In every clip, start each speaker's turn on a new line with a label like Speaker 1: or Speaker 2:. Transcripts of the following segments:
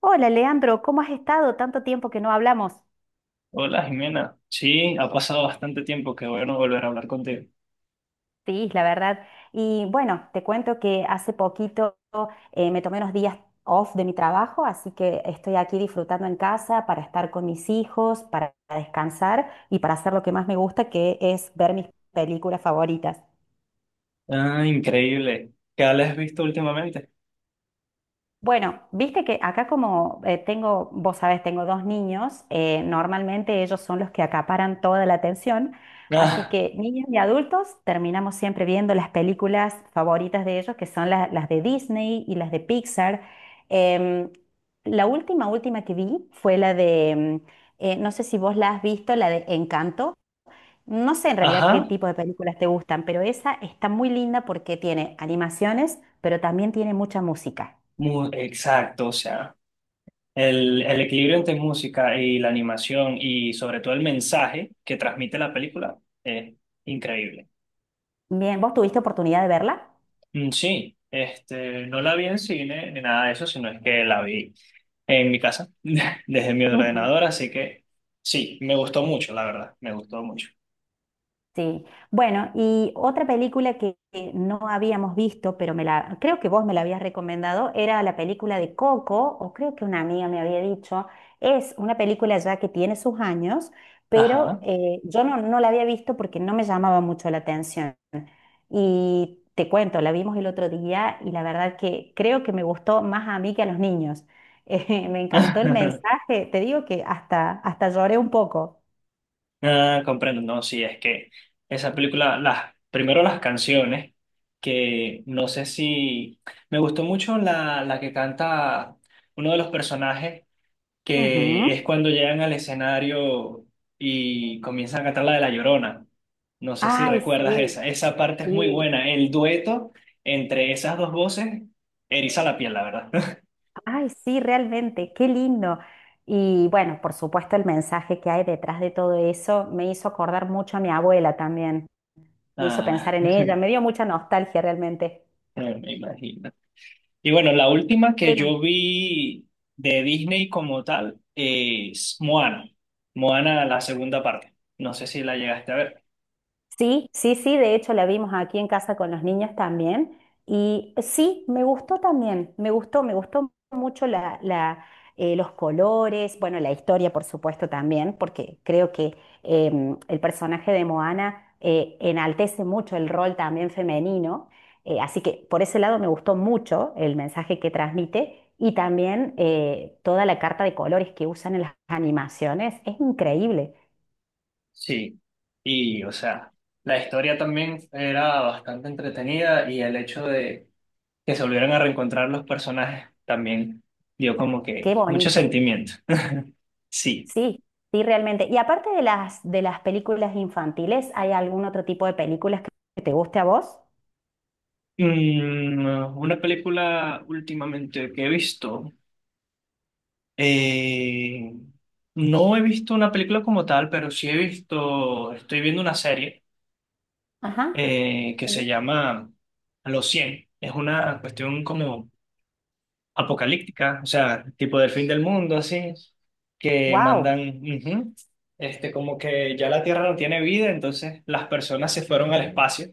Speaker 1: Hola, Leandro, ¿cómo has estado? Tanto tiempo que no hablamos.
Speaker 2: Hola Jimena, sí, ha pasado bastante tiempo, qué bueno volver a hablar contigo.
Speaker 1: Sí, la verdad. Y bueno, te cuento que hace poquito me tomé unos días off de mi trabajo, así que estoy aquí disfrutando en casa para estar con mis hijos, para descansar y para hacer lo que más me gusta, que es ver mis películas favoritas.
Speaker 2: Ah, increíble. ¿Qué has visto últimamente?
Speaker 1: Bueno, viste que acá como tengo, vos sabés, tengo dos niños, normalmente ellos son los que acaparan toda la atención, así
Speaker 2: Ah,
Speaker 1: que niños y adultos terminamos siempre viendo las películas favoritas de ellos, que son las de Disney y las de Pixar. Em, la última, última que vi fue la de, no sé si vos la has visto, la de Encanto. No sé en realidad qué
Speaker 2: ajá,
Speaker 1: tipo de películas te gustan, pero esa está muy linda porque tiene animaciones, pero también tiene mucha música.
Speaker 2: exacto, o sea, el equilibrio entre música y la animación y sobre todo el mensaje que transmite la película es increíble.
Speaker 1: Bien, ¿vos tuviste oportunidad de verla?
Speaker 2: Mm, sí, este, no la vi en cine ni nada de eso, sino es que la vi en mi casa, desde mi
Speaker 1: Ajá.
Speaker 2: ordenador, así que sí, me gustó mucho, la verdad, me gustó mucho.
Speaker 1: Sí. Bueno, y otra película que no habíamos visto, pero me la, creo que vos me la habías recomendado, era la película de Coco, o creo que una amiga me había dicho. Es una película ya que tiene sus años, pero
Speaker 2: Ajá.
Speaker 1: yo no la había visto porque no me llamaba mucho la atención. Y te cuento, la vimos el otro día y la verdad que creo que me gustó más a mí que a los niños. Me encantó el mensaje, te digo que hasta lloré un poco.
Speaker 2: Ah, comprendo, no, sí, es que esa película, primero las canciones, que no sé si, me gustó mucho la que canta uno de los personajes, que es
Speaker 1: Ujú.
Speaker 2: cuando llegan al escenario y comienzan a cantar la de La Llorona. No sé si
Speaker 1: Ay,
Speaker 2: recuerdas
Speaker 1: sí,
Speaker 2: esa, esa parte es muy
Speaker 1: sí,
Speaker 2: buena, el dueto entre esas dos voces eriza la piel, la verdad.
Speaker 1: ay, sí, realmente, qué lindo. Y bueno, por supuesto, el mensaje que hay detrás de todo eso me hizo acordar mucho a mi abuela también, me hizo pensar
Speaker 2: Ah,
Speaker 1: en ella, me dio mucha nostalgia realmente.
Speaker 2: me imagino. Y bueno, la última que
Speaker 1: Pero
Speaker 2: yo vi de Disney como tal es Moana. Moana, la segunda parte. No sé si la llegaste a ver.
Speaker 1: sí, sí, sí, de hecho la vimos aquí en casa con los niños también. Y sí, me gustó también, me gustó mucho los colores, bueno, la historia por supuesto también, porque creo que el personaje de Moana enaltece mucho el rol también femenino. Así que por ese lado me gustó mucho el mensaje que transmite y también toda la carta de colores que usan en las animaciones. Es increíble,
Speaker 2: Sí. Y, o sea, la historia también era bastante entretenida y el hecho de que se volvieran a reencontrar los personajes también dio como que
Speaker 1: qué
Speaker 2: mucho
Speaker 1: bonito.
Speaker 2: sentimiento. Sí.
Speaker 1: Sí, sí, realmente. Y aparte de las películas infantiles, ¿hay algún otro tipo de películas que te guste a vos?
Speaker 2: Mm, una película últimamente que he visto. Eh, no he visto una película como tal, pero sí he visto, estoy viendo una serie
Speaker 1: Ajá.
Speaker 2: que se llama Los 100. Es una cuestión como apocalíptica, o sea, tipo del fin del mundo, así, que
Speaker 1: Wow,
Speaker 2: mandan, ujú, este, como que ya la Tierra no tiene vida, entonces las personas se fueron al espacio.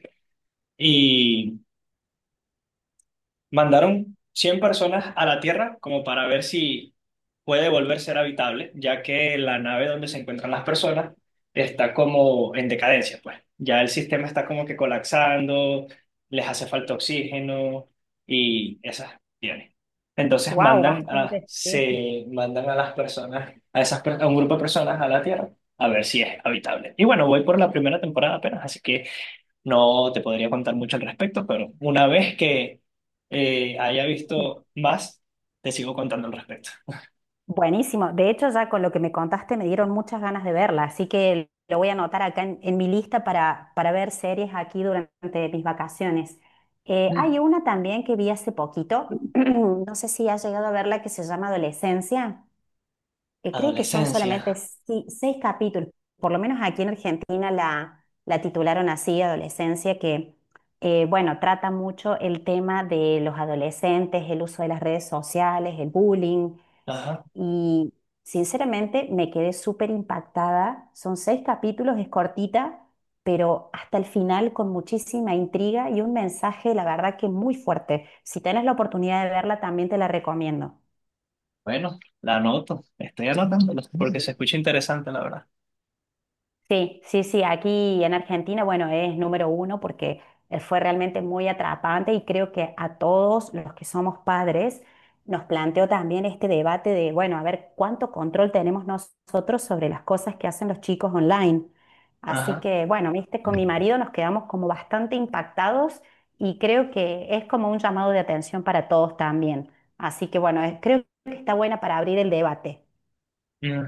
Speaker 2: Mandaron 100 personas a la Tierra como para ver si puede volver a ser habitable, ya que la nave donde se encuentran las personas está como en decadencia, pues. Ya el sistema está como que colapsando, les hace falta oxígeno y esas tiene. Entonces
Speaker 1: wow, bastante. Sí.
Speaker 2: se mandan a las personas, a un grupo de personas a la Tierra a ver si es habitable. Y bueno, voy por la primera temporada apenas, así que no te podría contar mucho al respecto, pero una vez que haya visto más, te sigo contando al respecto.
Speaker 1: Buenísimo. De hecho, ya con lo que me contaste me dieron muchas ganas de verla, así que lo voy a anotar acá en mi lista para ver series aquí durante mis vacaciones. Hay
Speaker 2: Mm.
Speaker 1: una también que vi hace poquito, no sé si has llegado a verla, que se llama Adolescencia. Creo que son
Speaker 2: Adolescencia.
Speaker 1: solamente seis capítulos, por lo menos aquí en Argentina la titularon así, Adolescencia, que bueno, trata mucho el tema de los adolescentes, el uso de las redes sociales, el bullying,
Speaker 2: Ajá.
Speaker 1: y sinceramente me quedé súper impactada. Son seis capítulos, es cortita, pero hasta el final con muchísima intriga y un mensaje, la verdad que muy fuerte. Si tenés la oportunidad de verla, también te la recomiendo.
Speaker 2: Bueno, la anoto. Estoy anotándola porque se escucha interesante, la verdad.
Speaker 1: Sí, sí, sí, aquí en Argentina, bueno, es número uno porque fue realmente muy atrapante y creo que a todos los que somos padres nos planteó también este debate de, bueno, a ver, ¿cuánto control tenemos nosotros sobre las cosas que hacen los chicos online? Así
Speaker 2: Ajá.
Speaker 1: que, bueno, viste, con mi marido nos quedamos como bastante impactados y creo que es como un llamado de atención para todos también. Así que, bueno, creo que está buena para abrir el debate.
Speaker 2: Mm.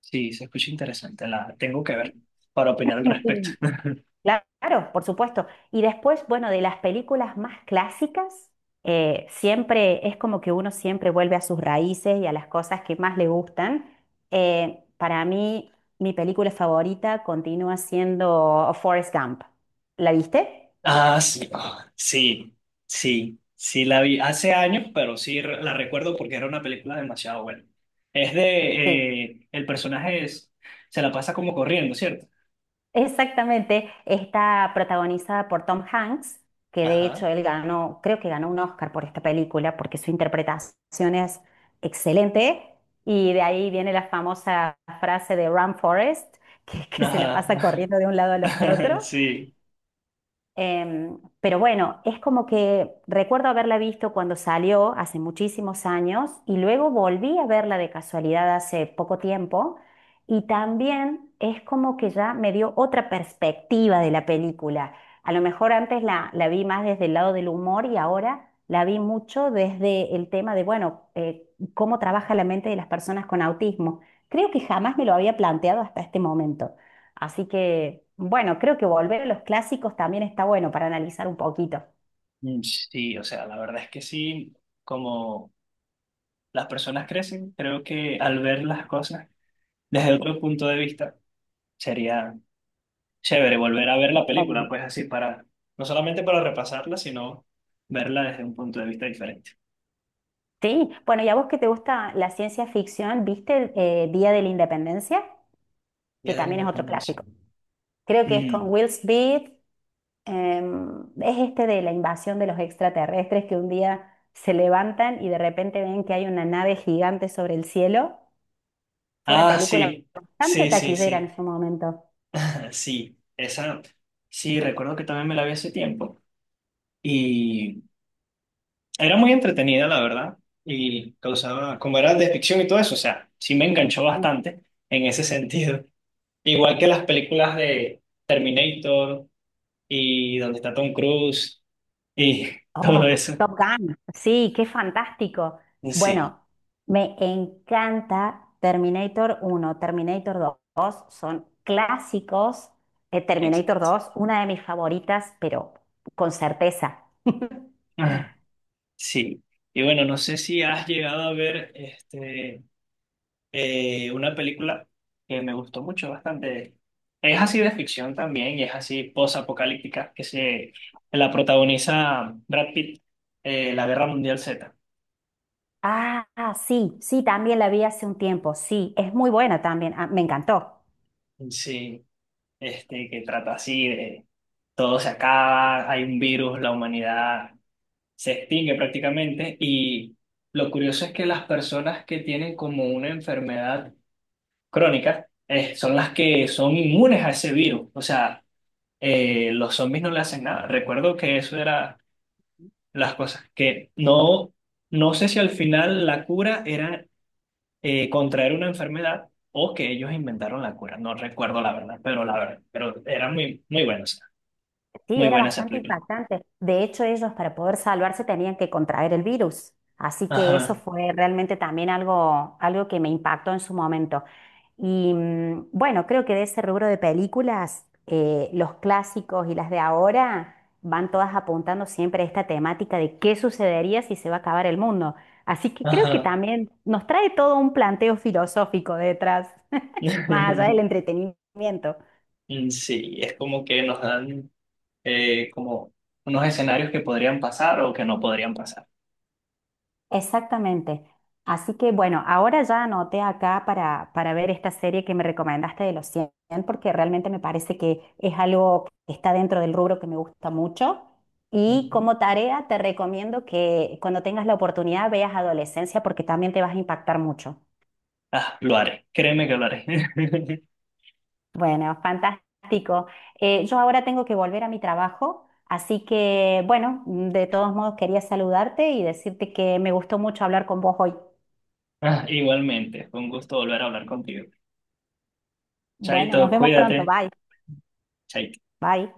Speaker 2: Sí, se escucha interesante. La tengo que ver para opinar al respecto.
Speaker 1: Y claro, por supuesto. Y después, bueno, de las películas más clásicas, siempre es como que uno siempre vuelve a sus raíces y a las cosas que más le gustan. Para mí, mi película favorita continúa siendo Forrest Gump. ¿La viste?
Speaker 2: Ah, sí, ah, sí, sí, sí la vi hace años, pero sí la recuerdo porque era una película demasiado buena.
Speaker 1: Sí.
Speaker 2: El personaje es, se la pasa como corriendo, ¿cierto?
Speaker 1: Exactamente, está protagonizada por Tom Hanks, que de
Speaker 2: Ajá,
Speaker 1: hecho él ganó, creo que ganó un Oscar por esta película, porque su interpretación es excelente, y de ahí viene la famosa frase de Run Forest, que se la pasa
Speaker 2: ajá,
Speaker 1: corriendo de un lado al otro.
Speaker 2: sí.
Speaker 1: Pero bueno, es como que recuerdo haberla visto cuando salió hace muchísimos años y luego volví a verla de casualidad hace poco tiempo y también es como que ya me dio otra perspectiva de la película. A lo mejor antes la vi más desde el lado del humor y ahora la vi mucho desde el tema de, bueno, cómo trabaja la mente de las personas con autismo. Creo que jamás me lo había planteado hasta este momento. Así que, bueno, creo que volver a los clásicos también está bueno para analizar un poquito.
Speaker 2: Mm, sí, o sea, la verdad es que sí, como las personas crecen, creo que al ver las cosas desde otro punto de vista, sería chévere volver a ver la película,
Speaker 1: Totalmente.
Speaker 2: pues así para, no solamente para repasarla, sino verla desde un punto de vista diferente.
Speaker 1: Sí, bueno, y a vos que te gusta la ciencia ficción, ¿viste Día de la Independencia? Que
Speaker 2: Día de la
Speaker 1: también es otro
Speaker 2: Independencia.
Speaker 1: clásico. Creo que es con
Speaker 2: Mm.
Speaker 1: Will Smith, es este de la invasión de los extraterrestres que un día se levantan y de repente ven que hay una nave gigante sobre el cielo. Fue una
Speaker 2: Ah,
Speaker 1: película
Speaker 2: sí,
Speaker 1: bastante
Speaker 2: sí, sí,
Speaker 1: taquillera
Speaker 2: sí.
Speaker 1: en su momento.
Speaker 2: Sí, esa, sí, recuerdo que también me la vi hace tiempo. Y era muy entretenida, la verdad. Y causaba, como era de ficción y todo eso, o sea, sí me enganchó bastante en ese sentido. Igual que las películas de Terminator y donde está Tom Cruise y
Speaker 1: Oh,
Speaker 2: todo eso.
Speaker 1: Top Gun. Sí, qué fantástico.
Speaker 2: Sí,
Speaker 1: Bueno, me encanta Terminator 1, Terminator 2, son clásicos. Terminator
Speaker 2: exacto.
Speaker 1: dos, una de mis favoritas, pero con certeza.
Speaker 2: Ah, sí. Y bueno, no sé si has llegado a ver este. Una película que me gustó mucho, bastante. Es así de ficción también y es así posapocalíptica, que se la protagoniza Brad Pitt, La Guerra Mundial Z.
Speaker 1: Ah, ah, sí, sí, también la vi hace un tiempo. Sí, es muy buena también. Ah, me encantó.
Speaker 2: Sí, este, que trata así de todo se acaba, hay un virus, la humanidad se extingue prácticamente y lo curioso es que las personas que tienen como una enfermedad crónica son las que son inmunes a ese virus. O sea, los zombies no le hacen nada. Recuerdo que eso era las cosas que no, no sé si al final la cura era contraer una enfermedad o que ellos inventaron la cura. No recuerdo la verdad, pero era muy, muy buena, o sea,
Speaker 1: Sí,
Speaker 2: muy
Speaker 1: era
Speaker 2: buena esa
Speaker 1: bastante
Speaker 2: película.
Speaker 1: impactante. De hecho, ellos para poder salvarse tenían que contraer el virus. Así que eso
Speaker 2: Ajá,
Speaker 1: fue realmente también algo, algo que me impactó en su momento. Y bueno, creo que de ese rubro de películas, los clásicos y las de ahora van todas apuntando siempre a esta temática de qué sucedería si se va a acabar el mundo. Así que creo que
Speaker 2: ajá.
Speaker 1: también nos trae todo un planteo filosófico detrás, más allá del entretenimiento.
Speaker 2: Mm. Sí, es como que nos dan como unos escenarios que podrían pasar o que no podrían pasar.
Speaker 1: Exactamente. Así que bueno, ahora ya anoté acá para ver esta serie que me recomendaste de los 100 porque realmente me parece que es algo que está dentro del rubro que me gusta mucho. Y
Speaker 2: Ujú.
Speaker 1: como tarea te recomiendo que cuando tengas la oportunidad veas Adolescencia porque también te vas a impactar mucho.
Speaker 2: Ah, lo haré, créeme que lo haré.
Speaker 1: Bueno, fantástico. Yo ahora tengo que volver a mi trabajo, así que bueno, de todos modos quería saludarte y decirte que me gustó mucho hablar con vos hoy.
Speaker 2: Ah, igualmente, fue un gusto volver a hablar contigo.
Speaker 1: Bueno, nos
Speaker 2: Chaito,
Speaker 1: vemos pronto.
Speaker 2: cuídate.
Speaker 1: Bye.
Speaker 2: Chaito.
Speaker 1: Bye.